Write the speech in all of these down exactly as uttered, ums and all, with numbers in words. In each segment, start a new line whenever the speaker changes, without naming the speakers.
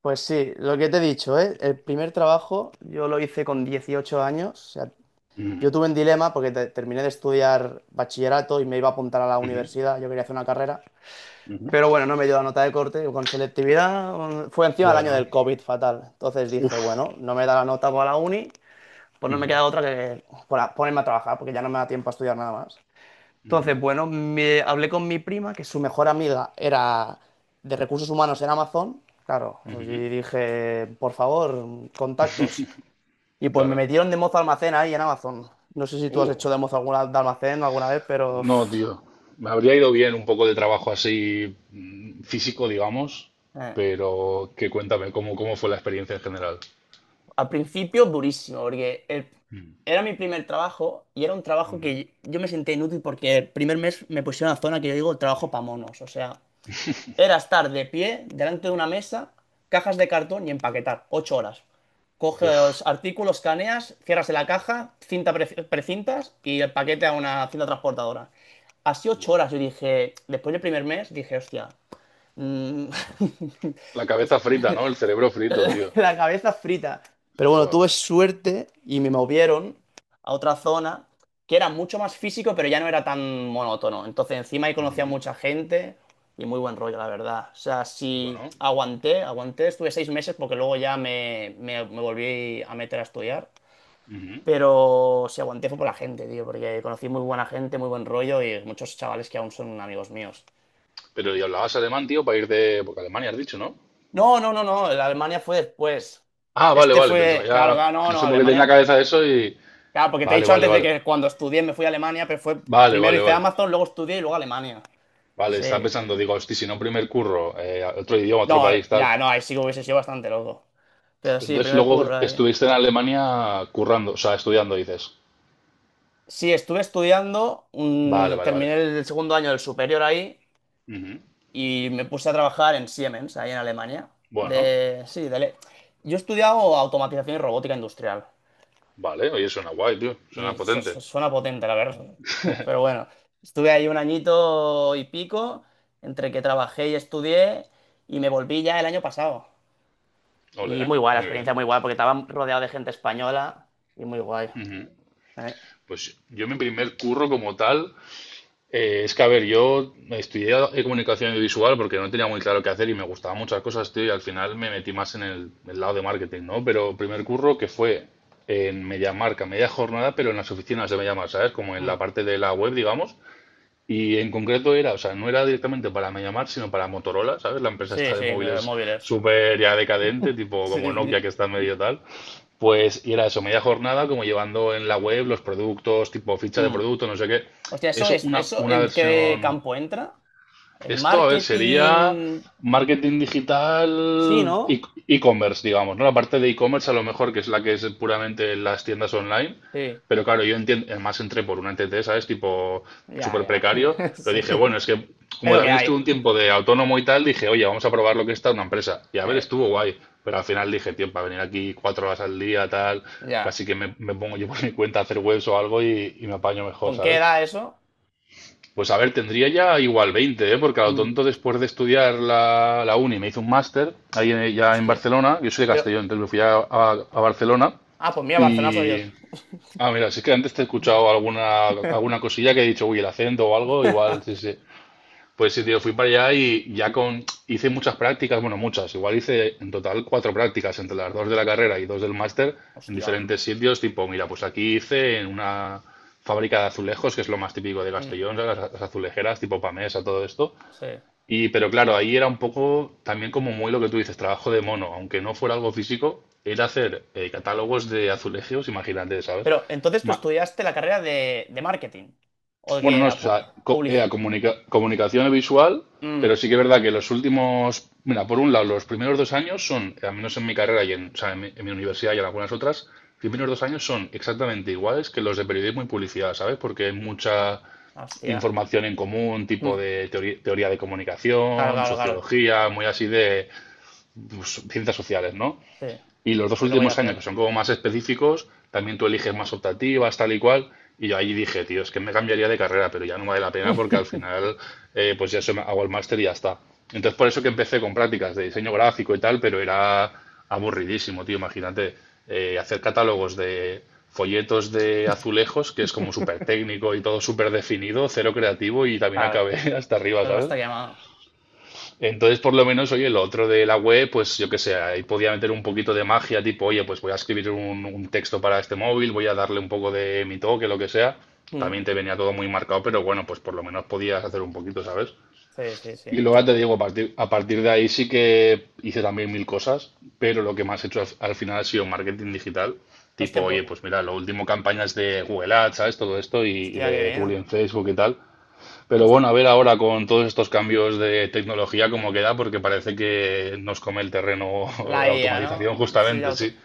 Pues sí, lo que te he dicho, ¿eh? El primer trabajo yo lo hice con dieciocho años. O sea,
Ujú,
yo tuve un dilema porque te- terminé de estudiar bachillerato y me iba a apuntar a la
ujú,
universidad. Yo quería hacer una carrera.
ujú.
Pero bueno, no me dio la nota de corte con selectividad. un- Fue encima del año
Bueno,
del COVID fatal. Entonces dije,
uff.
bueno, no me da la nota para la uni, pues no me
Ujú,
queda otra que por- ponerme a trabajar porque ya no me da tiempo a estudiar nada más.
ujú,
Entonces, bueno, me, hablé con mi prima, que su mejor amiga era de recursos humanos en Amazon. Claro,
ujú.
y dije, por favor, contactos. Y pues me
Claro.
metieron de mozo almacén ahí en Amazon. No sé si tú has
Uh,
hecho de mozo alguna, de almacén alguna vez, pero
no,
uf,
tío. Me habría ido bien un poco de trabajo así mm, físico, digamos,
eh,
pero que cuéntame cómo, cómo fue la experiencia en general.
al principio durísimo, porque el-
Mm,
era mi primer trabajo y era un trabajo
ujú.
que yo me senté inútil porque el primer mes me pusieron a la zona que yo digo trabajo para monos. O sea, era estar de pie delante de una mesa, cajas de cartón y empaquetar. Ocho horas. Coges
Uf,
los artículos, caneas, cierras en la caja, cinta pre- precintas y el paquete a una cinta transportadora. Así ocho
buah.
horas. Yo dije, después del primer mes, dije, hostia, mm,
La cabeza frita, ¿no? El cerebro frito, tío.
la cabeza frita. Pero bueno,
Fua.
tuve suerte y me movieron a otra zona que era mucho más físico, pero ya no era tan monótono. Entonces, encima ahí conocía a
Ujú.
mucha gente y muy buen rollo, la verdad. O sea, sí
Bueno.
aguanté, aguanté, estuve seis meses porque luego ya me, me- me volví a meter a estudiar.
Ujú.
Pero si aguanté fue por la gente, tío, porque conocí muy buena gente, muy buen rollo y muchos chavales que aún son amigos míos.
Pero y hablabas alemán, tío, para ir de... Porque Alemania has dicho, ¿no?
No, no, no, no, la Alemania fue después.
Ah, vale,
Este
vale. Pensaba
fue, claro,
ya...
claro, no,
No
no,
sé por qué tenía en la
Alemania.
cabeza eso y...
Claro, porque te he
Vale,
dicho
vale,
antes de
vale.
que cuando estudié me fui a Alemania, pero fue
Vale,
primero
vale,
hice
vale.
Amazon, luego estudié y luego Alemania.
Vale,
Sí.
estaba pensando, digo, hosti, si no, primer curro, eh, otro idioma,
No,
otro país, tal.
ya, no, ahí sí que hubiese sido bastante loco. Pero sí,
Entonces
primer
luego
curro ahí.
estuviste en Alemania currando, o sea, estudiando, dices.
Sí, estuve estudiando,
Vale,
un-
vale, vale.
terminé el segundo año del superior ahí
Ujú.
y me puse a trabajar en Siemens, ahí en Alemania.
Bueno,
De, sí, de, le- yo he estudiado automatización y robótica industrial.
vale, oye, suena guay, tío, suena
Y su-
potente.
su- suena potente, la verdad. Pero bueno, estuve ahí un añito y pico, entre que trabajé y estudié, y me volví ya el año pasado.
Ole,
Y
¿eh?
muy guay, la
Muy bien.
experiencia muy guay, porque estaba rodeado de gente española y muy guay. Eh,
Pues yo mi primer curro como tal, Eh, es que, a ver, yo estudié eh, comunicación visual porque no tenía muy claro qué hacer y me gustaban muchas cosas, tío, y al final me metí más en el, el lado de marketing, ¿no? Pero primer curro que fue en media marca, media jornada, pero en las oficinas de media marca, ¿sabes? Como en la
mm.
parte de la web, digamos. Y en concreto era, o sea, no era directamente para Mediamar, sino para Motorola, ¿sabes? La empresa
Sí,
esta de
sí, de
móviles
móviles.
súper ya decadente, tipo como Nokia
Sí.
que está medio tal. Pues y era eso, media jornada, como llevando en la web los productos, tipo ficha de
Mm.
producto, no sé qué.
Hostia, ¿eso
Eso,
es,
una,
eso
una
en qué
versión
campo entra? ¿En
esto, a ver, sería
marketing?
marketing
Sí,
digital, e-
¿no?
e-commerce, digamos, ¿no? La parte de e-commerce a lo mejor que es la que es puramente las tiendas online,
Sí.
pero claro, yo entiendo, además entré por una N T T, ¿sabes? Tipo
Ya,
súper
ya.
precario, pero
Sí.
dije, bueno, es que
Es
como
lo que
también
hay.
estuve un tiempo de autónomo y tal, dije, oye, vamos a probar lo que está una empresa. Y a ver,
Eh,
estuvo guay, pero al final dije, tío, para venir aquí cuatro horas al día, tal,
ya.
casi que me, me pongo yo por mi cuenta a hacer webs o algo y, y me apaño mejor,
¿Con qué
¿sabes?
edad eso?
Pues a ver, tendría ya igual veinte, ¿eh? Porque a lo tonto después de estudiar la, la uni me hice un máster ahí en- ya en
Hostia.
Barcelona. Yo soy de
Pero.
Castellón, entonces me fui a, a- a Barcelona
Ah, pues mira, Barcelona soy
y...
yo.
Ah, mira, sí que antes te he escuchado alguna, alguna cosilla que he dicho, uy, el acento o algo, igual, sí, sí. Pues sí, tío, fui para allá y ya con hice muchas prácticas, bueno, muchas, igual hice en total cuatro prácticas entre las dos de la carrera y dos del máster en
Hostia.
diferentes sitios, tipo, mira, pues aquí hice en una fábrica de azulejos, que es lo más típico de
Mm,
Castellón, ¿sabes? las, las azulejeras, tipo Pamesa, todo esto.
sí.
Y pero claro, ahí era un poco también como muy lo que tú dices, trabajo de mono, aunque no fuera algo físico, era hacer eh, catálogos de azulejos, imagínate, ¿sabes?
Pero entonces tú
Ma-
estudiaste la carrera de, de marketing. ¿O de qué
bueno, no, o
era?
sea, co- era
Publicidad.
comunica- comunicación visual, pero sí que es verdad que los últimos, mira, por un lado, los primeros dos años son, al menos en mi carrera y en, o sea, en mi, en mi universidad y en algunas otras, los primeros dos años son exactamente iguales que los de periodismo y publicidad, ¿sabes? Porque hay mucha
Hostia.
información en común, tipo
Mm,
de teori- teoría de
claro,
comunicación,
claro, claro.
sociología, muy así de pues, ciencias sociales, ¿no?
Sí.
Y los dos
Y luego ya
últimos años, que son
cierra.
como más específicos, también tú eliges más optativas, tal y cual. Y yo ahí dije, tío, es que me cambiaría de carrera, pero ya no vale la pena porque al final, eh, pues ya eso, hago el máster y ya está. Entonces, por eso que empecé con prácticas de diseño gráfico y tal, pero era aburridísimo, tío. Imagínate eh, hacer catálogos de folletos de azulejos, que es como súper técnico y todo súper definido, cero creativo y también
Claro.
acabé hasta arriba,
Luego
¿sabes?
está llamado.
Entonces, por lo menos, oye, lo otro de la web, pues yo qué sé, ahí podía meter un poquito de magia, tipo, oye, pues voy a escribir un, un texto para este móvil, voy a darle un poco de mi toque, lo que sea.
Mm,
También te venía todo muy marcado, pero bueno, pues por lo menos podías hacer un poquito, ¿sabes?
sí, sí, sí.
Y luego
Mucho
ya te
mejor.
digo, a partir, a partir de ahí sí que hice también mil cosas, pero lo que más he hecho al, al final ha sido marketing digital, tipo,
Hostia, pues-
oye, pues mira, lo último campañas de Google Ads, ¿sabes? Todo esto y, y
Hostia, qué
de Publi
bien.
en Facebook y tal. Pero
Hostia.
bueno, a ver ahora con todos estos cambios de tecnología cómo queda, porque parece que nos come el terreno
La
la
I A,
automatización
¿no? Sí,
justamente,
auto-
sí.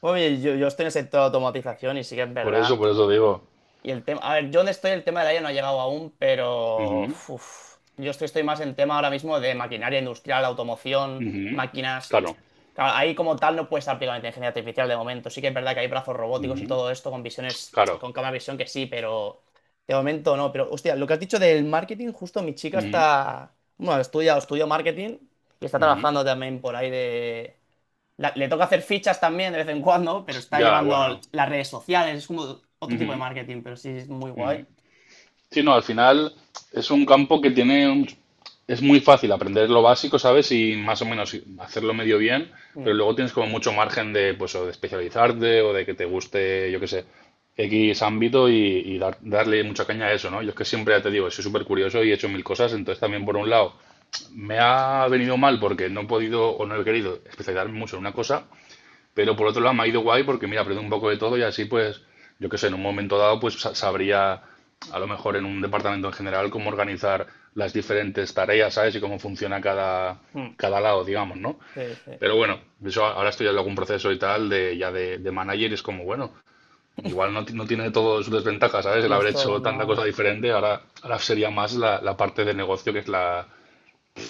Oye, yo, yo estoy en el sector de automatización y sí que es
Por eso,
verdad.
por eso digo.
Y el tema, a ver, yo donde estoy el tema del aire no ha llegado aún, pero
Ujú,
uf, yo estoy, estoy más en tema ahora mismo de maquinaria industrial, automoción,
ujú.
máquinas.
Claro.
Claro, ahí como tal no puedes aplicar la inteligencia artificial de momento. Sí que es verdad que hay brazos robóticos y
Ujú,
todo esto con visiones,
claro.
con cámara de visión que sí, pero de momento no. Pero hostia, lo que has dicho del marketing, justo mi chica
Ujú,
está, bueno, estudia, estudió marketing y está
ujú.
trabajando también por ahí de la- le toca hacer fichas también de vez en cuando, pero está
Ya,
llevando
bueno.
las redes sociales, es como otro tipo de
Ujú.
marketing, pero sí es muy guay.
Sí, no, al final es un campo que tiene un- es muy fácil aprender lo básico, ¿sabes? Y más o menos hacerlo medio bien,
Mm,
pero luego tienes como mucho margen de, pues, o de especializarte o de que te guste, yo qué sé, X ámbito y, y dar- darle mucha caña a eso, ¿no? Yo es que siempre, ya te digo, soy súper curioso y he hecho mil cosas, entonces también por un lado me ha venido mal porque no he podido o no he querido especializarme mucho en una cosa, pero por otro lado me ha ido guay porque, mira, aprendo un poco de todo y así, pues, yo qué sé, en un momento dado, pues sa- sabría, a lo mejor en un departamento en general, cómo organizar las diferentes tareas, ¿sabes? Y cómo funciona cada,
mm.
cada lado, digamos, ¿no?
Sí, sí.
Pero bueno, eso a- ahora estoy en algún proceso y tal de ya de, de manager y es como, bueno, igual no, ti- no tiene todo sus desventajas, ¿sabes? El
No
haber
es todo
hecho
tan
tanta
malo.
cosa diferente, ahora, ahora sería más la, la parte de negocio que es la,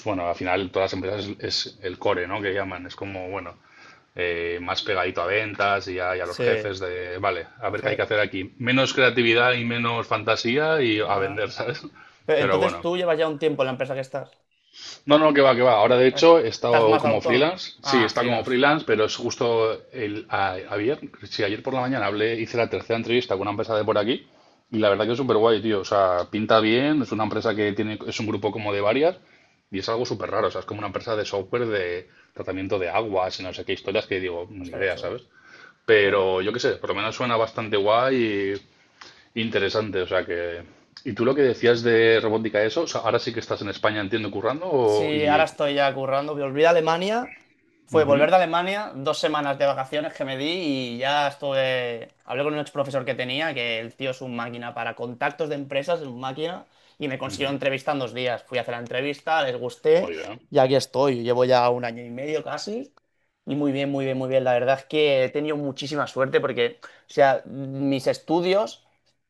bueno, al final todas las empresas es, es el core, ¿no? Que llaman, es como, bueno, eh, más pegadito a ventas y a, y a los
Sí.
jefes de, vale, a
A
ver qué hay que
ver,
hacer aquí. Menos creatividad y menos fantasía y
¿qué...?
a vender, ¿sabes?
Pero
Pero
entonces
bueno.
tú llevas ya un tiempo en la empresa que estás.
No, no, que va, que va. Ahora, de hecho, he
Estás
estado
más
como
autónomo.
freelance. Sí,
Ah,
está como
freelance.
freelance, pero es justo el, a- ayer, sí, ayer por la mañana hablé, hice la tercera entrevista con una empresa de por aquí y la verdad que es súper guay, tío. O sea, pinta bien, es una empresa que tiene, es un grupo como de varias y es algo súper raro. O sea, es como una empresa de software de tratamiento de aguas y no sé qué historias que digo,
O
ni
sea, qué
idea,
chulo.
¿sabes? Pero yo qué sé, por lo menos suena bastante guay y interesante. O sea que. ¿Y tú lo que decías de robótica, eso? O sea, ahora sí que estás en España, entiendo, currando o-
Sí, ahora
y.
estoy ya currando. Volví de Alemania. Fue
Ujú,
volver de Alemania, dos semanas de vacaciones que me di y ya estuve. Hablé con un ex profesor que tenía, que el tío es un máquina para contactos de empresas, es un máquina, y me consiguió
ujú.
entrevista en dos días. Fui a hacer la entrevista, les gusté
Muy bien.
y aquí estoy. Llevo ya un año y medio casi. Y muy bien, muy bien, muy bien. La verdad es que he tenido muchísima suerte porque, o sea, mis estudios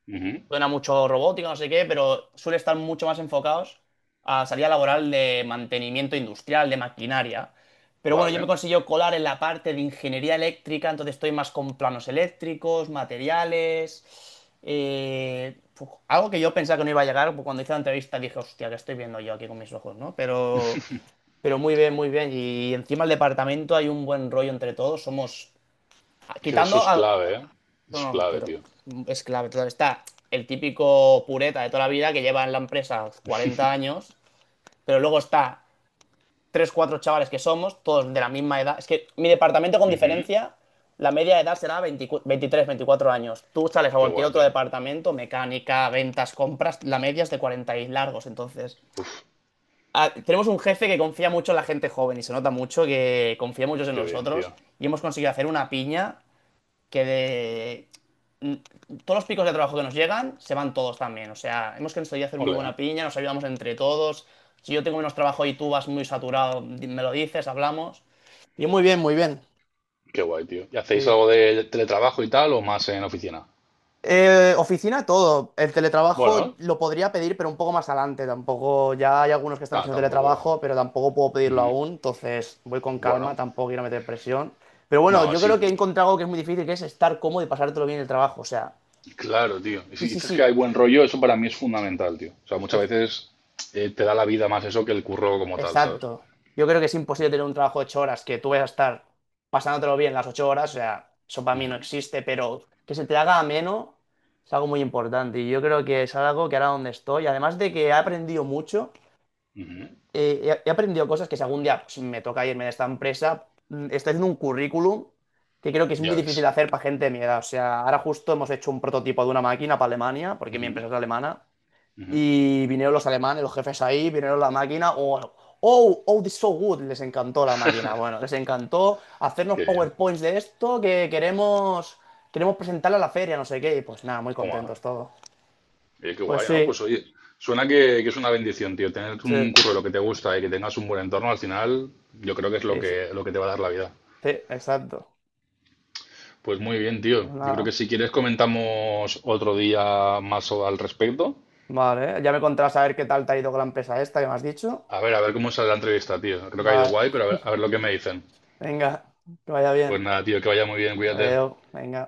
Ujú.
suena mucho robótica, no sé qué, pero suele estar mucho más enfocados a salida laboral de mantenimiento industrial, de maquinaria. Pero bueno, yo me
Vale.
consiguió colar en la parte de ingeniería eléctrica, entonces estoy más con planos eléctricos, materiales. Eh, fu- algo que yo pensaba que no iba a llegar, pues cuando hice la entrevista dije, hostia, que estoy viendo yo aquí con mis ojos, ¿no? Pero, pero muy bien, muy bien. Y encima el departamento hay un buen rollo entre todos. Somos,
Que
quitando
eso es
a-
clave, ¿eh?
no,
Eso es
no,
clave,
pero
tío.
es clave. Entonces está el típico pureta de toda la vida que lleva en la empresa cuarenta años, pero luego está tres, cuatro chavales que somos, todos de la misma edad. Es que mi departamento con
Ujú.
diferencia, la media de edad será veinte veintitrés veinticuatro años. Tú sales a
Qué
cualquier
guay,
otro
tío.
departamento, mecánica, ventas, compras, la media es de cuarenta y largos. Entonces,
Uf,
ah, tenemos un jefe que confía mucho en la gente joven y se nota mucho que confía mucho en
qué bien,
nosotros
tío.
y hemos conseguido hacer una piña que de... Todos los picos de trabajo que nos llegan se van todos también. O sea, hemos conseguido hacer muy
Ole, ¿eh?
buena piña, nos ayudamos entre todos. Si yo tengo menos trabajo y tú vas muy saturado, di- me lo dices, hablamos. Y muy bien, muy bien.
Qué guay, tío. ¿Y hacéis
Sí.
algo de teletrabajo y tal o más en oficina?
Eh, oficina, todo. El teletrabajo
Bueno,
lo podría pedir, pero un poco más adelante. Tampoco, ya hay algunos que están
nada,
haciendo
tampoco.
teletrabajo, pero tampoco puedo pedirlo
Ujú.
aún. Entonces voy con calma,
Bueno,
tampoco quiero meter presión. Pero bueno,
no,
yo creo
sí.
que he encontrado algo que es muy difícil, que es estar cómodo y pasártelo bien en el trabajo. O sea,
Claro, tío. Y
sí,
si
sí,
dices que
sí.
hay buen rollo, eso para mí es fundamental, tío. O sea, muchas
Es-
veces eh, te da la vida más eso que el curro como tal, ¿sabes?
Exacto. Yo creo que es imposible tener un trabajo de ocho horas que tú vayas a estar pasándotelo bien las ocho horas. O sea, eso para mí no
Ujú,
existe, pero que se te haga ameno es algo muy importante. Y yo creo que es algo que ahora donde estoy, además de que he aprendido mucho,
ujú.
eh, he he aprendido cosas que si algún día pues, me toca irme de esta empresa, mm, estoy haciendo un currículum que creo que es muy
Ya
difícil de
ves.
hacer para gente de mi edad. O sea, ahora justo hemos hecho un prototipo de una máquina para Alemania, porque mi
Ujú,
empresa es alemana.
ujú.
Y vinieron los alemanes, los jefes ahí, vinieron la máquina. Oh, oh, oh, this is so good. Les encantó la máquina. Bueno, les encantó hacernos
Qué bien.
PowerPoints de esto que queremos, queremos, presentarla a la feria, no sé qué. Y pues nada, muy
Toma.
contentos todos.
Oye, qué
Pues
guay, ¿no?
sí,
Pues oye, suena que, que es una bendición, tío. Tener
sí,
un curro de lo que te gusta y que tengas un buen entorno, al final, yo creo que es lo
sí, sí,
que, lo que te va a dar la vida.
sí, exacto.
Pues muy bien, tío.
Pues
Yo creo
nada.
que si quieres comentamos otro día más o- al respecto.
Vale, ya me contarás a ver qué tal te ha ido con la empresa esta que me has dicho.
A ver, a ver cómo sale la entrevista, tío. Creo que ha ido
Vale,
guay, pero a ver, a ver lo que me dicen.
venga, que vaya
Pues
bien.
nada, tío, que vaya muy bien, cuídate.
Adiós, venga.